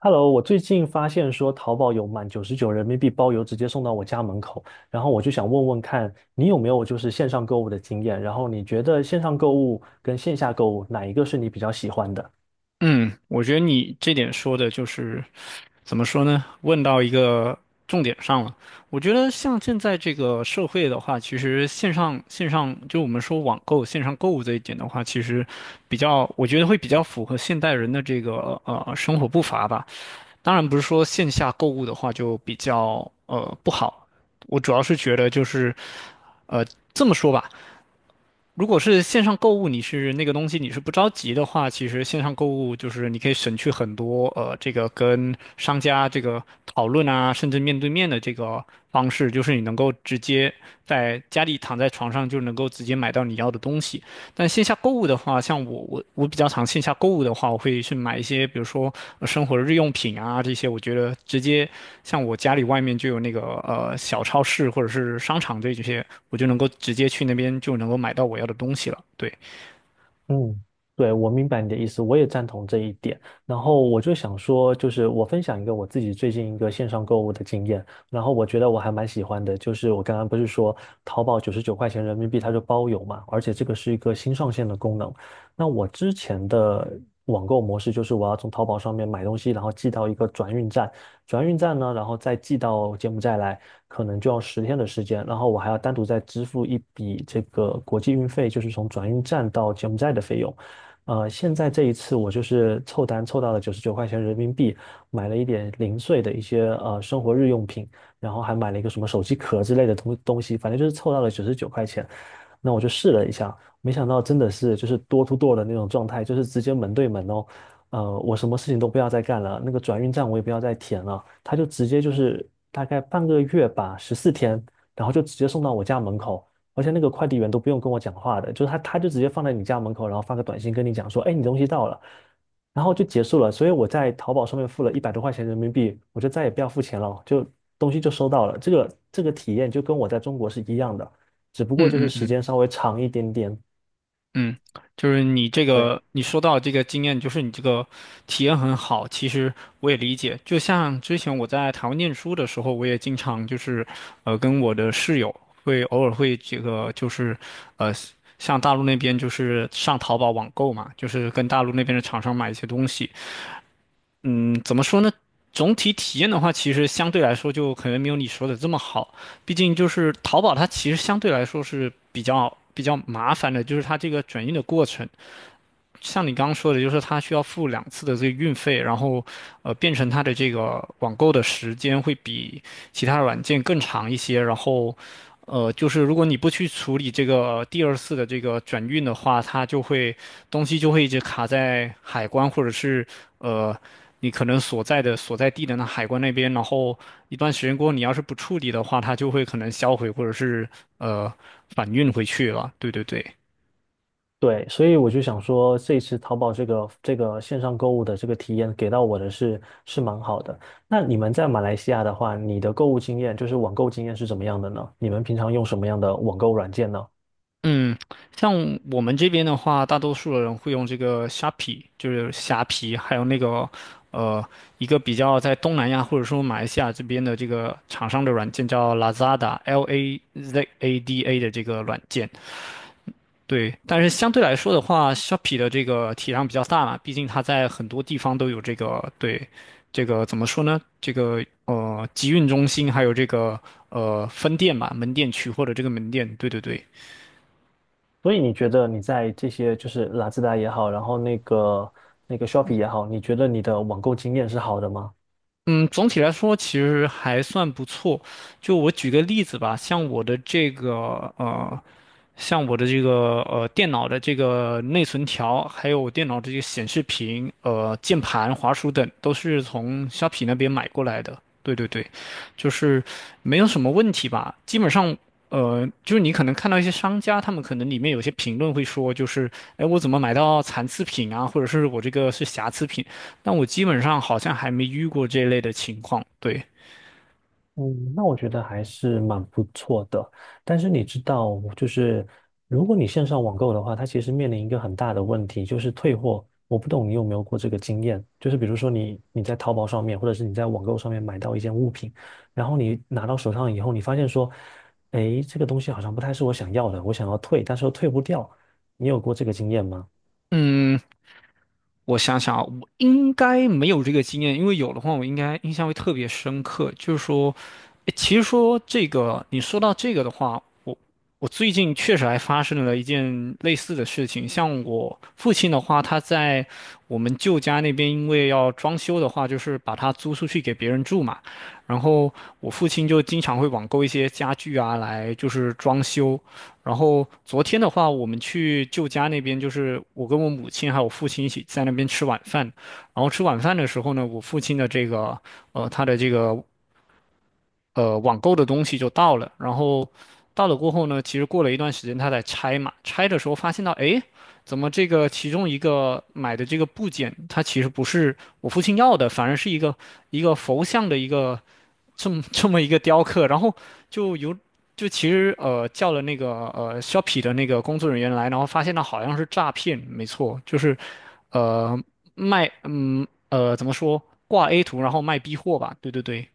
Hello，我最近发现说淘宝有满九十九人民币包邮直接送到我家门口，然后我就想问问看你有没有就是线上购物的经验，然后你觉得线上购物跟线下购物哪一个是你比较喜欢的？嗯，我觉得你这点说的就是怎么说呢？问到一个重点上了。我觉得像现在这个社会的话，其实线上就我们说网购、线上购物这一点的话，其实比较，我觉得会比较符合现代人的这个生活步伐吧。当然不是说线下购物的话就比较不好，我主要是觉得就是呃这么说吧。如果是线上购物，你是那个东西你是不着急的话，其实线上购物就是你可以省去很多这个跟商家这个讨论啊，甚至面对面的这个方式，就是你能够直接在家里躺在床上就能够直接买到你要的东西。但线下购物的话，像我比较常线下购物的话，我会去买一些，比如说生活日用品啊这些。我觉得直接像我家里外面就有那个小超市或者是商场这些，我就能够直接去那边就能够买到我要的东西了。对，嗯，对，我明白你的意思，我也赞同这一点。然后我就想说，就是我分享一个我自己最近一个线上购物的经验，然后我觉得我还蛮喜欢的，就是我刚刚不是说淘宝九十九块钱人民币它就包邮嘛，而且这个是一个新上线的功能。那我之前的网购模式就是我要从淘宝上面买东西，然后寄到一个转运站，转运站呢，然后再寄到柬埔寨来，可能就要10天的时间，然后我还要单独再支付一笔这个国际运费，就是从转运站到柬埔寨的费用。现在这一次我就是凑单凑到了九十九块钱人民币，买了一点零碎的一些生活日用品，然后还买了一个什么手机壳之类的东西，反正就是凑到了九十九块钱。那我就试了一下，没想到真的是就是 door to door 的那种状态，就是直接门对门哦。我什么事情都不要再干了，那个转运站我也不要再填了，他就直接就是大概半个月吧，14天，然后就直接送到我家门口，而且那个快递员都不用跟我讲话的，就是他就直接放在你家门口，然后发个短信跟你讲说，哎，你东西到了，然后就结束了。所以我在淘宝上面付了100多块钱人民币，我就再也不要付钱了，就东西就收到了。这个体验就跟我在中国是一样的，只不过就嗯是嗯时嗯。间稍微长一点点。嗯，就是你这对。个，你说到这个经验，就是你这个体验很好。其实我也理解，就像之前我在台湾念书的时候，我也经常就是，跟我的室友会偶尔会这个就是，呃，像大陆那边就是上淘宝网购嘛，就是跟大陆那边的厂商买一些东西。嗯，怎么说呢？总体体验的话，其实相对来说就可能没有你说的这么好。毕竟就是淘宝，它其实相对来说是比较麻烦的，就是它这个转运的过程。像你刚刚说的，就是它需要付两次的这个运费，然后，变成它的这个网购的时间会比其他软件更长一些。然后，就是如果你不去处理这个第二次的这个转运的话，它就会东西就会一直卡在海关或者是呃你可能所在的所在地的那海关那边。然后一段时间过后，你要是不处理的话，它就会可能销毁或者是呃返运回去了。对对对。对，所以我就想说，这一次淘宝这个线上购物的这个体验给到我的是蛮好的。那你们在马来西亚的话，你的购物经验就是网购经验是怎么样的呢？你们平常用什么样的网购软件呢？嗯，像我们这边的话，大多数的人会用这个 SHP 虾皮，就是虾皮，还有那个呃，一个比较在东南亚或者说马来西亚这边的这个厂商的软件叫 Lazada，L A Z A D A 的这个软件。对，但是相对来说的话，Shopee 的这个体量比较大嘛，毕竟它在很多地方都有这个对，这个怎么说呢？这个集运中心，还有这个分店吧，门店取货的这个门店，对对对。所以你觉得你在这些就是拉兹达也好，然后那个 Shopee 也好，你觉得你的网购经验是好的吗？嗯，总体来说其实还算不错。就我举个例子吧，像我的这个电脑的这个内存条，还有电脑的这个显示屏、键盘、滑鼠等，都是从虾皮那边买过来的。对对对，就是没有什么问题吧。基本上，就是你可能看到一些商家，他们可能里面有些评论会说，就是哎，我怎么买到残次品啊，或者是我这个是瑕疵品。但我基本上好像还没遇过这类的情况。对，嗯，那我觉得还是蛮不错的。但是你知道，就是如果你线上网购的话，它其实面临一个很大的问题，就是退货。我不懂你有没有过这个经验，就是比如说你在淘宝上面，或者是你在网购上面买到一件物品，然后你拿到手上以后，你发现说，诶，这个东西好像不太是我想要的，我想要退，但是又退不掉。你有过这个经验吗？嗯，我想想啊，我应该没有这个经验，因为有的话我应该印象会特别深刻。就是说，诶其实说这个，你说到这个的话，我最近确实还发生了一件类似的事情。像我父亲的话，他在我们舅家那边，因为要装修的话，就是把它租出去给别人住嘛。然后我父亲就经常会网购一些家具啊，来就是装修。然后昨天的话，我们去舅家那边，就是我跟我母亲还有我父亲一起在那边吃晚饭。然后吃晚饭的时候呢，我父亲的这个他的这个网购的东西就到了，然后到了过后呢，其实过了一段时间，他在拆嘛，拆的时候发现到，诶，怎么这个其中一个买的这个部件，它其实不是我父亲要的，反而是一个佛像的一个这么 这么一个雕刻，然后就有。就其实叫了那个Shopee 的那个工作人员来，然后发现到好像是诈骗，没错，就是呃卖怎么说挂 A 图然后卖 B 货吧，对对对，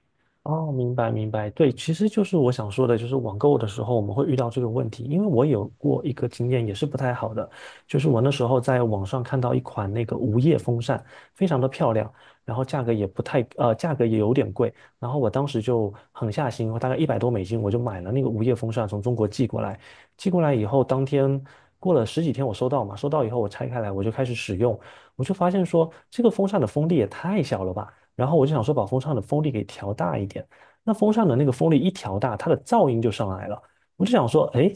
哦，明白明白，对，其实就是我想说的，就是网购的时候我们会遇到这个问题，因为我有过一个经验也是不太好的，就是我那时候在网上看到一款那个无叶风扇，非常的漂亮，然后价格也不太，呃，价格也有点贵，然后我当时就狠下心，我大概100多美金，我就买了那个无叶风扇，从中国寄过来，寄过来以后，当天过了10几天我收到嘛，收到以后我拆开来我就开始使用，我就发现说这个风扇的风力也太小了吧。然后我就想说把风扇的风力给调大一点。那风扇的那个风力一调大，它的噪音就上来了。我就想说，哎，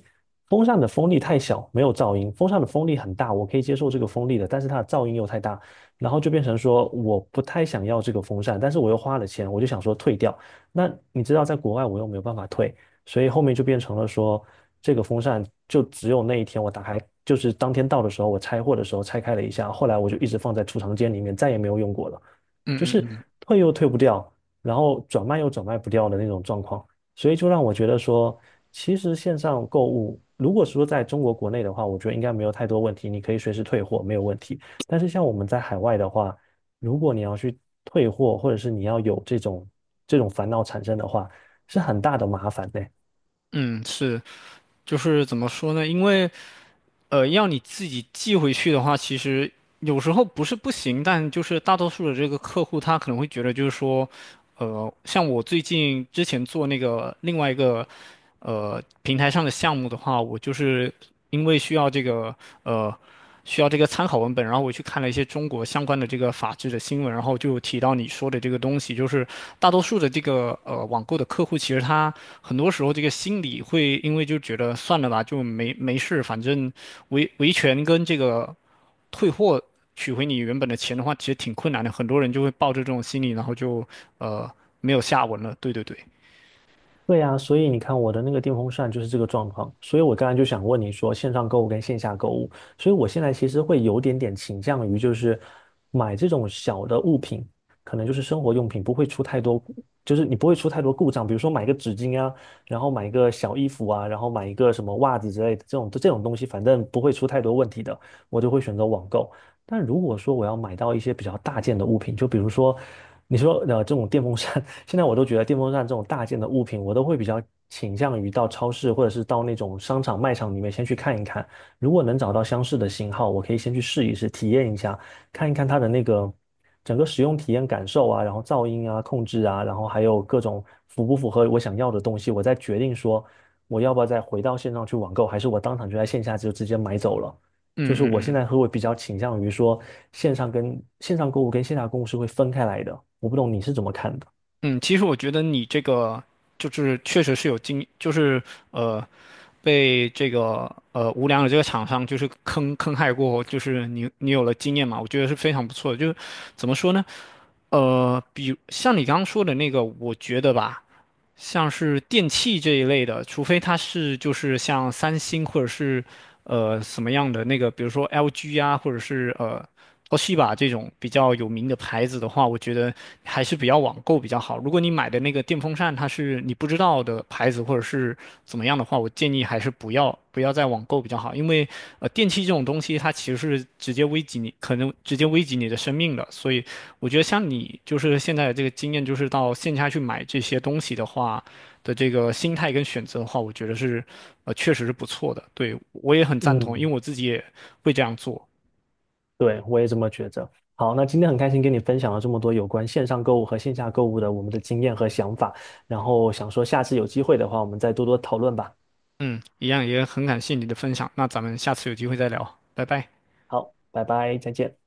风扇的风力太小，没有噪音；风扇的风力很大，我可以接受这个风力的，但是它的噪音又太大，然后就变成说我不太想要这个风扇，但是我又花了钱，我就想说退掉。那你知道，在国外我又没有办法退，所以后面就变成了说，这个风扇就只有那一天我打开，就是当天到的时候，我拆货的时候拆开了一下，后来我就一直放在储藏间里面，再也没有用过了。就嗯嗯是嗯。退又退不掉，然后转卖又转卖不掉的那种状况，所以就让我觉得说，其实线上购物，如果说在中国国内的话，我觉得应该没有太多问题，你可以随时退货，没有问题。但是像我们在海外的话，如果你要去退货，或者是你要有这种烦恼产生的话，是很大的麻烦的。嗯，是，就是怎么说呢？因为要你自己寄回去的话，其实有时候不是不行，但就是大多数的这个客户他可能会觉得就是说，像我最近之前做那个另外一个平台上的项目的话，我就是因为呃。需要这个参考文本，然后我去看了一些中国相关的这个法制的新闻，然后就提到你说的这个东西，就是大多数的这个网购的客户，其实他很多时候这个心理会因为就觉得算了吧，就没事，反正维权跟这个退货取回你原本的钱的话，其实挺困难的，很多人就会抱着这种心理，然后就呃没有下文了。对对对，对呀，所以你看我的那个电风扇就是这个状况，所以我刚才就想问你说线上购物跟线下购物，所以我现在其实会有点点倾向于就是买这种小的物品，可能就是生活用品，不会出太多，就是你不会出太多故障，比如说买个纸巾啊，然后买一个小衣服啊，然后买一个什么袜子之类的这种东西，反正不会出太多问题的，我就会选择网购。但如果说我要买到一些比较大件的物品，就比如说。你说这种电风扇，现在我都觉得电风扇这种大件的物品，我都会比较倾向于到超市或者是到那种商场卖场里面先去看一看。如果能找到相似的型号，我可以先去试一试，体验一下，看一看它的那个整个使用体验感受啊，然后噪音啊、控制啊，然后还有各种符不符合我想要的东西，我再决定说我要不要再回到线上去网购，还是我当场就在线下就直接买走了。嗯就是嗯我现嗯。在会比较倾向于说线上购物跟线下购物是会分开来的，我不懂你是怎么看的？嗯，其实我觉得你这个就是确实是就是呃，被这个无良的这个厂商就是坑害过就是你有了经验嘛，我觉得是非常不错的。就是怎么说呢？比像你刚刚说的那个，我觉得吧，像是电器这一类的，除非它是就是像三星或者是什么样的那个，比如说 LG 啊，或者是Toshiba 这种比较有名的牌子的话，我觉得还是比较网购比较好。如果你买的那个电风扇它是你不知道的牌子或者是怎么样的话，我建议还是不要再网购比较好，因为电器这种东西它其实是直接危及你，可能直接危及你的生命的，所以我觉得像你就是现在的这个经验，就是到线下去买这些东西的话的这个心态跟选择的话，我觉得是确实是不错的，对我也很赞同，因嗯为我自己也会这样做，对，我也这么觉着。好，那今天很开心跟你分享了这么多有关线上购物和线下购物的我们的经验和想法，然后想说下次有机会的话，我们再多多讨论吧。嗯，一样也很感谢你的分享，那咱们下次有机会再聊，拜拜。好，拜拜，再见。